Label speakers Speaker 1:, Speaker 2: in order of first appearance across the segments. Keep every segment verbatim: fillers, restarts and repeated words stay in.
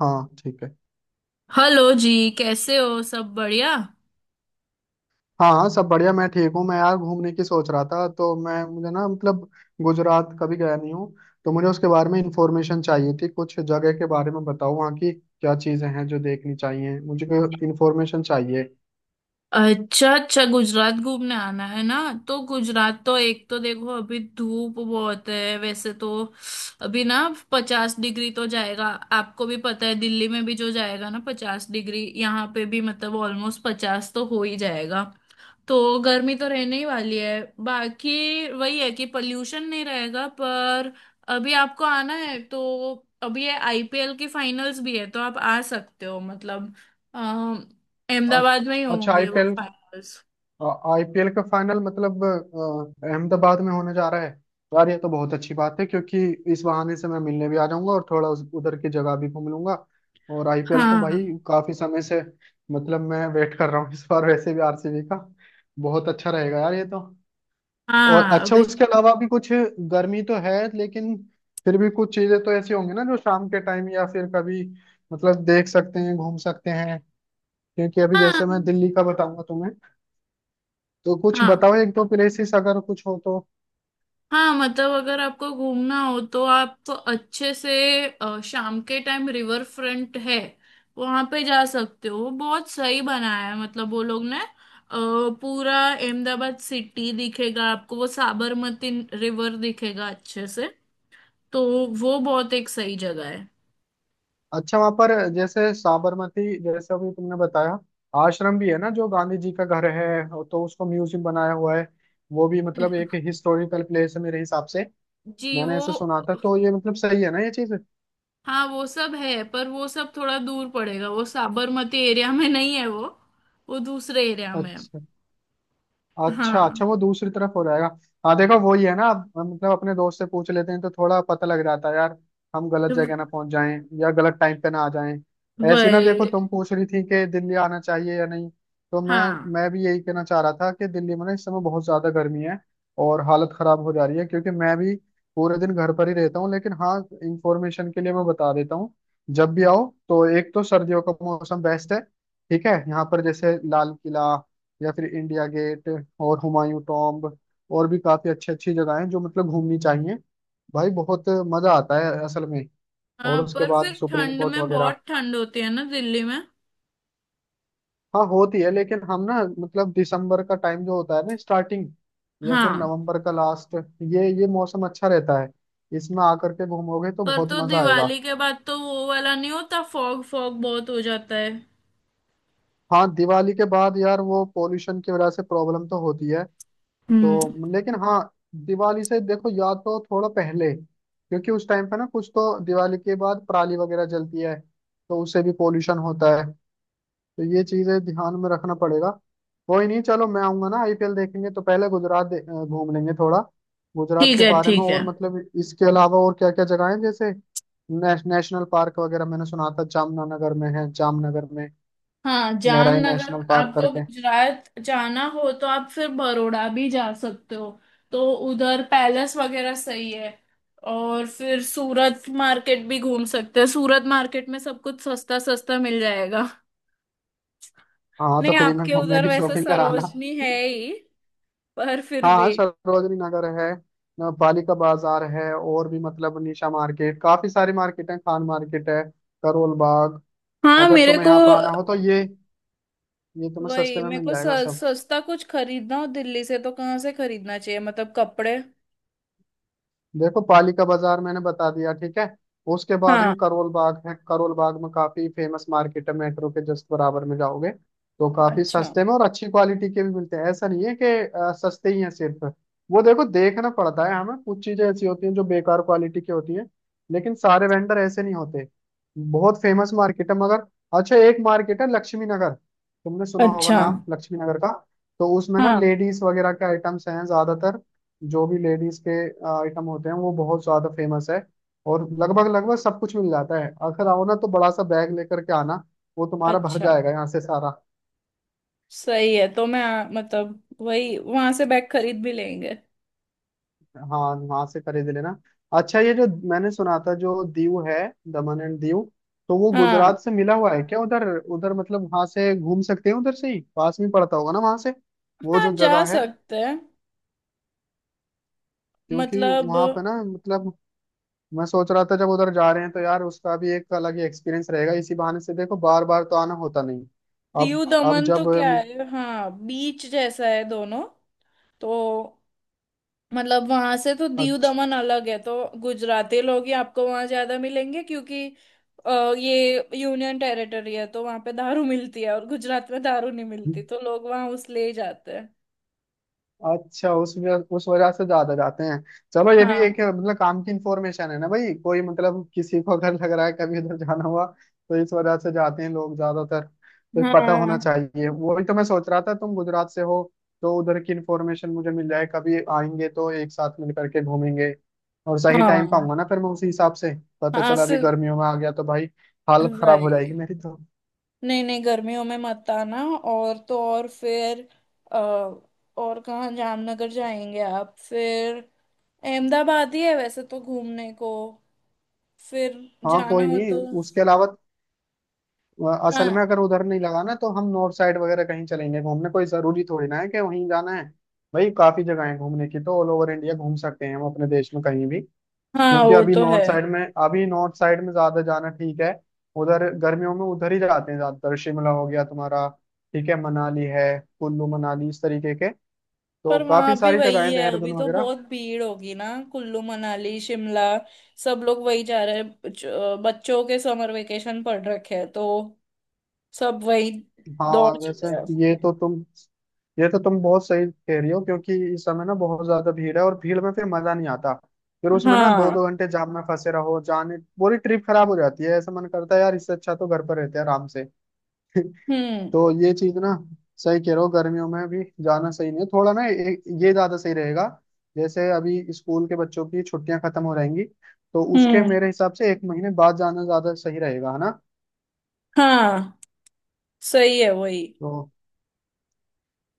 Speaker 1: हाँ, ठीक है।
Speaker 2: हेलो जी। कैसे हो? सब बढ़िया?
Speaker 1: हाँ हाँ, सब बढ़िया। मैं ठीक हूँ। मैं यार घूमने की सोच रहा था। तो मैं मुझे ना मतलब गुजरात कभी गया नहीं हूँ। तो मुझे उसके बारे में इंफॉर्मेशन चाहिए थी। कुछ जगह के बारे में बताओ, वहाँ की क्या चीज़ें हैं जो देखनी चाहिए मुझे। इंफॉर्मेशन चाहिए।
Speaker 2: अच्छा अच्छा, गुजरात घूमने आना है ना। तो गुजरात तो एक तो देखो, अभी धूप बहुत है वैसे तो। अभी ना पचास डिग्री तो जाएगा। आपको भी पता है दिल्ली में भी जो जाएगा ना पचास डिग्री, यहाँ पे भी मतलब ऑलमोस्ट पचास तो हो ही जाएगा। तो गर्मी तो रहने ही वाली है। बाकी वही है कि पॉल्यूशन नहीं रहेगा, पर अभी आपको आना है तो अभी ये आई पी एल की फाइनल्स भी है, तो आप आ सकते हो मतलब। अम, अहमदाबाद में ही
Speaker 1: अच्छा अच्छा,
Speaker 2: होंगे वो
Speaker 1: आईफेल
Speaker 2: फाइनल्स।
Speaker 1: आईपीएल का फाइनल मतलब अ, अहमदाबाद में होने जा रहा है। यार ये तो बहुत अच्छी बात है, क्योंकि इस बहाने से मैं मिलने भी आ जाऊंगा और थोड़ा उस, उधर की जगह भी घूम लूंगा। और आईपीएल तो भाई
Speaker 2: हाँ
Speaker 1: काफी समय से मतलब मैं वेट कर रहा हूँ। इस बार वैसे भी आरसीबी का बहुत अच्छा रहेगा यार ये तो। और
Speaker 2: हाँ,
Speaker 1: अच्छा,
Speaker 2: अभी।
Speaker 1: उसके अलावा भी कुछ? गर्मी तो है लेकिन फिर भी कुछ चीजें तो ऐसी होंगी ना, जो शाम के टाइम या फिर कभी मतलब देख सकते हैं, घूम सकते हैं। क्योंकि अभी
Speaker 2: हाँ
Speaker 1: जैसे मैं दिल्ली का बताऊंगा तुम्हें, तो कुछ
Speaker 2: हाँ।
Speaker 1: बताओ एक दो प्लेसेस अगर कुछ हो तो।
Speaker 2: हाँ मतलब अगर आपको घूमना हो तो आप अच्छे से, अ, शाम के टाइम रिवर फ्रंट है, वहां पे जा सकते हो। बहुत सही बनाया है मतलब वो लोग ने। अ, पूरा अहमदाबाद सिटी दिखेगा आपको, वो साबरमती रिवर दिखेगा अच्छे से। तो वो बहुत एक सही जगह है।
Speaker 1: अच्छा, वहां पर जैसे साबरमती, जैसे अभी तुमने बताया, आश्रम भी है ना जो गांधी जी का घर है, तो उसको म्यूजियम बनाया हुआ है। वो भी मतलब एक हिस्टोरिकल प्लेस है मेरे हिसाब से।
Speaker 2: जी
Speaker 1: मैंने
Speaker 2: वो,
Speaker 1: ऐसे सुना था, तो ये मतलब सही है ना ये चीज?
Speaker 2: हाँ वो सब है पर वो सब थोड़ा दूर पड़ेगा, वो साबरमती एरिया में नहीं है वो वो दूसरे एरिया में है।
Speaker 1: अच्छा। अच्छा
Speaker 2: हाँ।
Speaker 1: अच्छा, वो दूसरी तरफ हो जाएगा। हाँ देखो, वही है ना, अब हम मतलब अपने दोस्त से पूछ लेते हैं तो थोड़ा पता लग जाता है यार। हम गलत जगह ना पहुंच जाएं, या गलत टाइम पे ना आ जाएं। ऐसी ना, देखो
Speaker 2: वही।
Speaker 1: तुम पूछ रही थी कि दिल्ली आना चाहिए या नहीं, तो मैं
Speaker 2: हाँ।
Speaker 1: मैं भी यही कहना चाह रहा था कि दिल्ली में ना इस समय बहुत ज्यादा गर्मी है और हालत खराब हो जा रही है, क्योंकि मैं भी पूरे दिन घर पर ही रहता हूँ। लेकिन हाँ, इंफॉर्मेशन के लिए मैं बता देता हूँ। जब भी आओ तो एक तो सर्दियों का मौसम बेस्ट है। ठीक है, यहाँ पर जैसे लाल किला, या फिर इंडिया गेट, और हुमायूं टॉम्ब, और भी काफी अच्छी अच्छी जगह हैं जो मतलब घूमनी चाहिए भाई। बहुत मजा आता है असल में।
Speaker 2: आ,
Speaker 1: और उसके
Speaker 2: पर फिर
Speaker 1: बाद सुप्रीम
Speaker 2: ठंड
Speaker 1: कोर्ट
Speaker 2: में
Speaker 1: वगैरह।
Speaker 2: बहुत ठंड होती है ना दिल्ली में।
Speaker 1: हाँ होती है, लेकिन हम ना मतलब दिसंबर का टाइम जो होता है ना स्टार्टिंग, या फिर
Speaker 2: हाँ,
Speaker 1: नवंबर का लास्ट, ये ये मौसम अच्छा रहता है। इसमें आकर के घूमोगे तो
Speaker 2: पर
Speaker 1: बहुत
Speaker 2: तो
Speaker 1: मजा आएगा।
Speaker 2: दिवाली के बाद तो वो वाला नहीं होता? फॉग फॉग बहुत हो जाता है।
Speaker 1: हाँ दिवाली के बाद यार वो पोल्यूशन की वजह से प्रॉब्लम तो होती है।
Speaker 2: हम्म।
Speaker 1: तो लेकिन हाँ, दिवाली से देखो या तो थोड़ा पहले, क्योंकि उस टाइम पे ना कुछ तो दिवाली के बाद पराली वगैरह जलती है, तो उससे भी पोल्यूशन होता है, तो ये चीजें ध्यान में रखना पड़ेगा। कोई नहीं, चलो मैं आऊंगा ना, आईपीएल देखेंगे तो पहले गुजरात दे- अ, घूम लेंगे थोड़ा। गुजरात
Speaker 2: ठीक
Speaker 1: के
Speaker 2: है
Speaker 1: बारे में
Speaker 2: ठीक
Speaker 1: और
Speaker 2: है।
Speaker 1: मतलब इसके अलावा और क्या क्या जगह है, जैसे नेश, नेशनल पार्क वगैरह मैंने सुना था जामनगर में है, जामनगर में
Speaker 2: हाँ
Speaker 1: मेराई
Speaker 2: जामनगर।
Speaker 1: नेशनल पार्क
Speaker 2: आपको
Speaker 1: करके।
Speaker 2: गुजरात जाना हो तो आप फिर बड़ौदा भी जा सकते हो, तो उधर पैलेस वगैरह सही है। और फिर सूरत मार्केट भी घूम सकते हैं, सूरत मार्केट में सब कुछ सस्ता सस्ता मिल जाएगा।
Speaker 1: हाँ तो
Speaker 2: नहीं,
Speaker 1: फ्री में
Speaker 2: आपके
Speaker 1: घूम-
Speaker 2: उधर
Speaker 1: मेरी
Speaker 2: वैसे
Speaker 1: शॉपिंग कराना।
Speaker 2: सरोजनी है ही, पर फिर
Speaker 1: हाँ हाँ,
Speaker 2: भी।
Speaker 1: सरोजनी नगर है, अ, पालिका बाजार है, और भी मतलब निशा मार्केट, काफी सारी मार्केट है, खान मार्केट है, करोल बाग।
Speaker 2: हाँ,
Speaker 1: अगर
Speaker 2: मेरे
Speaker 1: तुम्हें
Speaker 2: को,
Speaker 1: यहाँ पर आना हो तो ये ये तुम्हें
Speaker 2: वही
Speaker 1: सस्ते में
Speaker 2: मेरे
Speaker 1: मिल
Speaker 2: को स-
Speaker 1: जाएगा सब।
Speaker 2: सस्ता कुछ खरीदना हो दिल्ली से तो कहाँ से खरीदना चाहिए मतलब, कपड़े?
Speaker 1: देखो पालिका बाजार मैंने बता दिया, ठीक है? उसके बाद
Speaker 2: हाँ।
Speaker 1: में करोल बाग है, करोल बाग में काफी फेमस मार्केट है, मेट्रो के जस्ट बराबर में जाओगे तो काफी
Speaker 2: अच्छा
Speaker 1: सस्ते में और अच्छी क्वालिटी के भी मिलते हैं। ऐसा नहीं है कि अ, सस्ते ही हैं सिर्फ वो, देखो देखना पड़ता है हमें, कुछ चीजें ऐसी होती हैं जो बेकार क्वालिटी की होती हैं, लेकिन सारे वेंडर ऐसे नहीं होते। बहुत फेमस मार्केट है मगर। अच्छा, एक मार्केट है लक्ष्मी नगर, तुमने सुना होगा
Speaker 2: अच्छा।
Speaker 1: नाम लक्ष्मी नगर का। तो उसमें ना
Speaker 2: हाँ।
Speaker 1: लेडीज वगैरह के आइटम्स हैं ज्यादातर। जो भी लेडीज के आइटम होते हैं वो बहुत ज्यादा फेमस है, और लगभग लगभग सब कुछ मिल जाता है। अगर आओ ना तो बड़ा सा बैग लेकर के आना, वो तुम्हारा भर
Speaker 2: अच्छा।
Speaker 1: जाएगा यहाँ से सारा।
Speaker 2: सही है, तो मैं आ, मतलब वही वहां से बैग खरीद भी लेंगे।
Speaker 1: हाँ, वहां से खरीद लेना। अच्छा ये जो मैंने सुना था, जो दीव है, दमन एंड दीव, तो वो
Speaker 2: हाँ
Speaker 1: गुजरात से मिला हुआ है क्या उधर? उधर मतलब वहां से घूम सकते हैं, उधर से ही पास में पड़ता होगा ना वहां से, वो
Speaker 2: हाँ,
Speaker 1: जो जगह
Speaker 2: जा
Speaker 1: है।
Speaker 2: सकते हैं।
Speaker 1: क्योंकि
Speaker 2: मतलब
Speaker 1: वहां पे ना मतलब मैं सोच रहा था जब उधर जा रहे हैं तो यार उसका भी एक अलग ही एक्सपीरियंस रहेगा, इसी बहाने से देखो, बार बार तो आना होता नहीं। अब
Speaker 2: दीव
Speaker 1: अब
Speaker 2: दमन तो
Speaker 1: जब
Speaker 2: क्या है, हाँ बीच जैसा है दोनों। तो मतलब वहां से तो दीव
Speaker 1: अच्छा
Speaker 2: दमन अलग है। तो गुजराती लोग ही आपको वहां ज्यादा मिलेंगे क्योंकि अ, ये यूनियन टेरिटरी है, तो वहां पे दारू मिलती है और गुजरात में दारू नहीं मिलती, तो लोग वहां उस ले ही जाते हैं।
Speaker 1: अच्छा, उस वजह उस वजह से ज्यादा जाते हैं। चलो ये भी एक
Speaker 2: हाँ।
Speaker 1: मतलब काम की इंफॉर्मेशन है ना भाई, कोई मतलब किसी को अगर लग रहा है कभी उधर जाना हुआ, तो इस वजह से जाते हैं लोग ज्यादातर, तो पता होना
Speaker 2: हाँ।
Speaker 1: चाहिए। वही तो मैं सोच रहा था तुम गुजरात से हो तो उधर की इंफॉर्मेशन मुझे मिल जाए, कभी आएंगे तो एक साथ मिल करके घूमेंगे। और सही टाइम
Speaker 2: हाँ।
Speaker 1: पाऊंगा ना फिर मैं उसी हिसाब से। पता
Speaker 2: हाँ
Speaker 1: चला अभी
Speaker 2: सिर्फ।
Speaker 1: गर्मियों में आ गया तो भाई हालत खराब हो जाएगी
Speaker 2: वही।
Speaker 1: मेरी तो।
Speaker 2: नहीं नहीं, गर्मियों में मत आना। और तो और फिर अ, और कहाँ जामनगर जाएंगे आप फिर? अहमदाबाद ही है वैसे तो घूमने को, फिर
Speaker 1: हाँ
Speaker 2: जाना
Speaker 1: कोई
Speaker 2: हो
Speaker 1: नहीं,
Speaker 2: तो।
Speaker 1: उसके अलावा असल में
Speaker 2: हाँ
Speaker 1: अगर उधर नहीं लगा ना तो हम नॉर्थ साइड वगैरह कहीं चलेंगे घूमने, कोई जरूरी थोड़ी ना है कि वहीं जाना है। भाई काफी जगह है घूमने की, तो ऑल ओवर इंडिया घूम सकते हैं हम, अपने देश में कहीं भी।
Speaker 2: हाँ,
Speaker 1: क्योंकि
Speaker 2: वो
Speaker 1: अभी
Speaker 2: तो है।
Speaker 1: नॉर्थ साइड में, अभी नॉर्थ साइड में ज्यादा जाना ठीक है। उधर गर्मियों में उधर ही जाते हैं ज्यादातर। शिमला हो गया तुम्हारा, ठीक है, मनाली है, कुल्लू मनाली इस तरीके के, तो
Speaker 2: पर वहां
Speaker 1: काफी
Speaker 2: भी
Speaker 1: सारी जगह
Speaker 2: वही
Speaker 1: है
Speaker 2: है,
Speaker 1: देहरादून
Speaker 2: अभी तो
Speaker 1: वगैरह।
Speaker 2: बहुत भीड़ होगी ना। कुल्लू मनाली शिमला, सब लोग वही जा रहे हैं। बच- अ, बच्चों के समर वेकेशन पड़ रखे हैं, तो सब वही
Speaker 1: हाँ
Speaker 2: दौड़
Speaker 1: वैसे,
Speaker 2: चले हैं।
Speaker 1: ये तो तुम ये तो तुम बहुत सही कह रही हो, क्योंकि इस समय ना बहुत ज्यादा भीड़ है, और भीड़ में फिर मजा नहीं आता, फिर उसमें ना दो
Speaker 2: हाँ।
Speaker 1: दो घंटे जाम में फंसे रहो, जाने पूरी ट्रिप खराब हो जाती है। ऐसा मन करता है यार इससे अच्छा तो घर पर रहते हैं आराम से।
Speaker 2: हम्म।
Speaker 1: तो ये चीज ना, सही कह रहे हो गर्मियों में भी जाना सही नहीं है, थोड़ा ना ए- ये ज्यादा सही रहेगा। जैसे अभी स्कूल के बच्चों की छुट्टियां खत्म हो रहेंगी, तो उसके
Speaker 2: हम्म।
Speaker 1: मेरे हिसाब से एक महीने बाद जाना ज्यादा सही रहेगा, है ना?
Speaker 2: हाँ सही है, वही।
Speaker 1: तो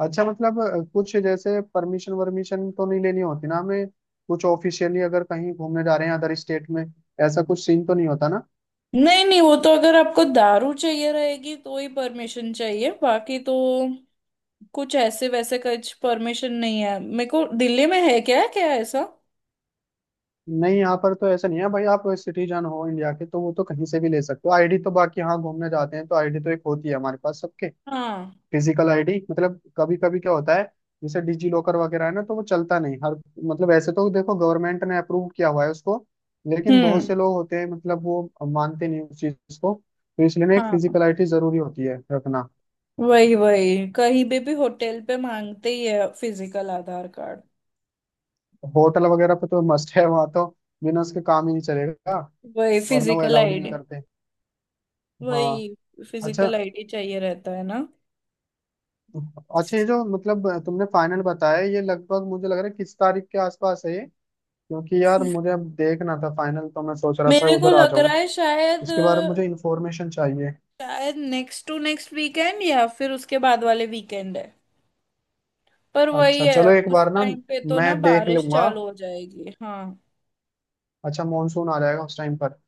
Speaker 1: अच्छा, मतलब अ, कुछ जैसे परमिशन वर्मिशन तो नहीं लेनी होती ना हमें, कुछ ऑफिशियली अगर कहीं घूमने जा रहे हैं अदर स्टेट में, ऐसा कुछ सीन तो नहीं होता ना?
Speaker 2: नहीं नहीं, वो तो अगर आपको दारू चाहिए रहेगी तो ही परमिशन चाहिए, बाकी तो कुछ ऐसे वैसे कुछ परमिशन नहीं है। मेरे को दिल्ली में है क्या क्या ऐसा?
Speaker 1: नहीं, यहाँ पर तो ऐसा नहीं है भाई, आप सिटीजन हो इंडिया के तो वो तो कहीं से भी ले सकते हो आईडी तो। बाकी हाँ, घूमने जाते हैं तो आईडी तो एक होती है हमारे पास सबके,
Speaker 2: हाँ।
Speaker 1: Physical ID. मतलब कभी कभी क्या होता है, जैसे डिजी लॉकर वगैरह है ना, तो वो चलता नहीं हर, मतलब ऐसे तो देखो गवर्नमेंट ने अप्रूव किया हुआ है उसको, लेकिन बहुत
Speaker 2: हम्म।
Speaker 1: से लोग होते हैं मतलब वो मानते नहीं उस चीज को, तो इसलिए ना एक
Speaker 2: हाँ
Speaker 1: फिजिकल आईडी जरूरी होती है रखना।
Speaker 2: वही वही, कहीं भी भी होटल पे मांगते ही है फिजिकल आधार कार्ड।
Speaker 1: होटल वगैरह पे तो मस्ट है, वहाँ तो बिना उसके काम ही नहीं चलेगा,
Speaker 2: वही,
Speaker 1: वरना वो
Speaker 2: फिजिकल
Speaker 1: अलाउड ही नहीं
Speaker 2: आईडी।
Speaker 1: करते। हाँ।
Speaker 2: वही
Speaker 1: अच्छा
Speaker 2: फिजिकल आईडी चाहिए रहता है ना।
Speaker 1: अच्छा, ये जो मतलब तुमने फाइनल बताया, ये लगभग मुझे लग रहा है किस तारीख के आसपास है ये? क्योंकि यार मुझे अब देखना था फाइनल, तो मैं सोच रहा था
Speaker 2: मेरे को
Speaker 1: उधर आ
Speaker 2: लग रहा
Speaker 1: जाऊं,
Speaker 2: है शायद,
Speaker 1: इसके बारे में मुझे इन्फॉर्मेशन चाहिए।
Speaker 2: शायद नेक्स्ट टू नेक्स्ट वीकेंड या फिर उसके बाद वाले वीकेंड है। पर वही
Speaker 1: अच्छा
Speaker 2: है,
Speaker 1: चलो, एक
Speaker 2: उस
Speaker 1: बार ना
Speaker 2: टाइम पे तो
Speaker 1: मैं
Speaker 2: ना
Speaker 1: देख
Speaker 2: बारिश
Speaker 1: लूंगा।
Speaker 2: चालू हो जाएगी। हाँ।
Speaker 1: अच्छा मानसून आ जाएगा उस टाइम पर?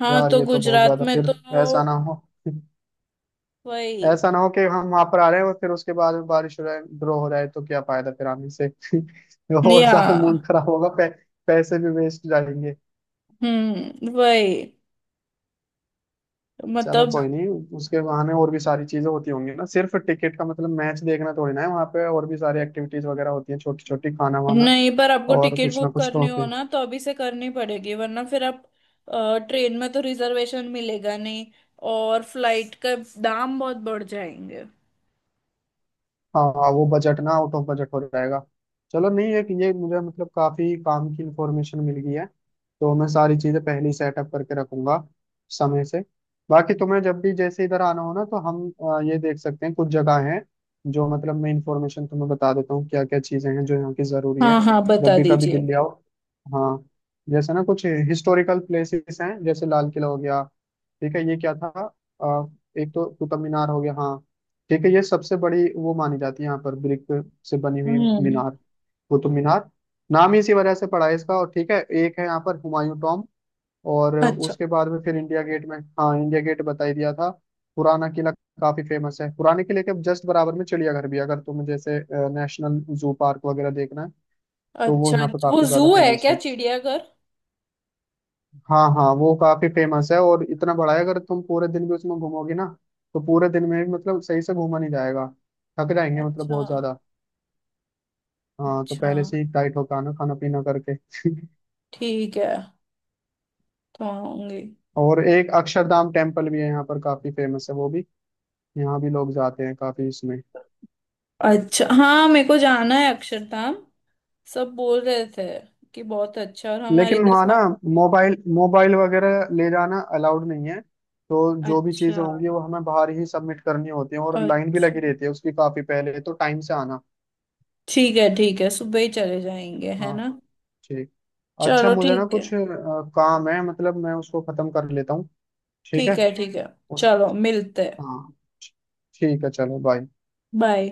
Speaker 2: हाँ,
Speaker 1: यार
Speaker 2: तो
Speaker 1: ये तो बहुत
Speaker 2: गुजरात
Speaker 1: ज्यादा
Speaker 2: में तो
Speaker 1: फिर, ऐसा ना हो।
Speaker 2: वही।
Speaker 1: ऐसा ना हो कि हम वहां पर आ रहे हैं और फिर उसके बाद में बारिश हो जाए, ड्रॉ हो जाए, तो क्या फायदा फिर आने से। और
Speaker 2: या।
Speaker 1: ज्यादा मूड खराब होगा, पै, पैसे भी वेस्ट जाएंगे।
Speaker 2: हम्म। वही।
Speaker 1: चलो
Speaker 2: मतलब
Speaker 1: कोई नहीं, उसके बहाने और भी सारी चीजें होती होंगी ना, सिर्फ टिकट का मतलब मैच देखना थोड़ी ना है, वहाँ पे और भी सारी एक्टिविटीज वगैरह होती हैं, छोटी छोटी खाना वाना,
Speaker 2: नहीं, पर आपको
Speaker 1: और
Speaker 2: टिकट
Speaker 1: कुछ ना
Speaker 2: बुक
Speaker 1: कुछ तो
Speaker 2: करनी हो
Speaker 1: होते।
Speaker 2: ना तो अभी से करनी पड़ेगी, वरना फिर आप ट्रेन में तो रिजर्वेशन मिलेगा नहीं, और फ्लाइट का दाम बहुत बढ़ जाएंगे।
Speaker 1: हाँ हाँ, वो बजट ना आउट ऑफ बजट हो जाएगा। चलो नहीं है कि ये, मुझे मतलब काफी काम की इंफॉर्मेशन मिल गई है, तो मैं सारी चीजें पहले ही सेटअप करके रखूंगा समय से। बाकी तुम्हें जब भी जैसे इधर आना हो ना, तो हम अ, ये देख सकते हैं, कुछ जगह हैं जो मतलब मैं इंफॉर्मेशन तुम्हें बता देता हूँ, क्या क्या चीजें हैं जो यहाँ की जरूरी है
Speaker 2: हाँ हाँ,
Speaker 1: जब
Speaker 2: बता
Speaker 1: भी कभी
Speaker 2: दीजिए।
Speaker 1: दिल्ली आओ। हाँ, जैसे ना कुछ हिस्टोरिकल प्लेसेस हैं, जैसे लाल किला हो गया, ठीक है, ये क्या था, अ, एक तो कुतुब मीनार हो गया। हाँ ठीक है, ये सबसे बड़ी वो मानी जाती है यहाँ पर, ब्रिक से बनी हुई
Speaker 2: हम्म।
Speaker 1: मीनार, वो तो मीनार नाम ही इसी वजह से पड़ा है इसका। और ठीक है, एक है यहाँ पर हुमायूं टॉम, और
Speaker 2: अच्छा।
Speaker 1: उसके बाद में फिर इंडिया गेट में। हाँ, इंडिया गेट बता ही दिया था। पुराना किला काफी फेमस है, पुराने किले के जस्ट बराबर में चिड़ियाघर भी है। अगर तुम्हें जैसे नेशनल जू पार्क वगैरह देखना है तो वो
Speaker 2: अच्छा,
Speaker 1: यहाँ पे
Speaker 2: वो
Speaker 1: काफी
Speaker 2: जू
Speaker 1: ज्यादा
Speaker 2: है
Speaker 1: फेमस
Speaker 2: क्या,
Speaker 1: है।
Speaker 2: चिड़ियाघर?
Speaker 1: हाँ हाँ, वो काफी फेमस है और इतना बड़ा है, अगर तुम पूरे दिन भी उसमें घूमोगी ना तो पूरे दिन में भी मतलब सही से घूमा नहीं जाएगा, थक जाएंगे मतलब
Speaker 2: अच्छा।
Speaker 1: बहुत ज्यादा। हाँ, तो
Speaker 2: अच्छा,
Speaker 1: पहले से ही टाइट होकर आना खाना पीना करके।
Speaker 2: ठीक है, तो आऊंगी।
Speaker 1: और एक अक्षरधाम टेम्पल भी है यहाँ पर, काफी फेमस है वो भी, यहाँ भी लोग जाते हैं काफी इसमें।
Speaker 2: अच्छा हाँ, मेरे को जाना है अक्षरधाम। सब बोल रहे थे कि बहुत अच्छा। और हमारे
Speaker 1: लेकिन
Speaker 2: इधर
Speaker 1: वहाँ ना
Speaker 2: सा-
Speaker 1: मोबाइल मोबाइल वगैरह ले जाना अलाउड नहीं है, तो जो भी
Speaker 2: अच्छा।
Speaker 1: चीजें होंगी वो हमें बाहर ही सबमिट करनी होती है, और लाइन भी
Speaker 2: अच्छा,
Speaker 1: लगी रहती है उसकी काफी, पहले तो टाइम से आना।
Speaker 2: ठीक है ठीक है, सुबह ही चले जाएंगे, है
Speaker 1: हाँ,
Speaker 2: ना।
Speaker 1: ठीक। अच्छा
Speaker 2: चलो
Speaker 1: मुझे ना
Speaker 2: ठीक है।
Speaker 1: कुछ अ, काम है, मतलब मैं उसको खत्म कर लेता हूँ। ठीक है?
Speaker 2: ठीक है ठीक है।
Speaker 1: उस
Speaker 2: चलो मिलते हैं।
Speaker 1: हाँ ठीक है, चलो बाय।
Speaker 2: बाय।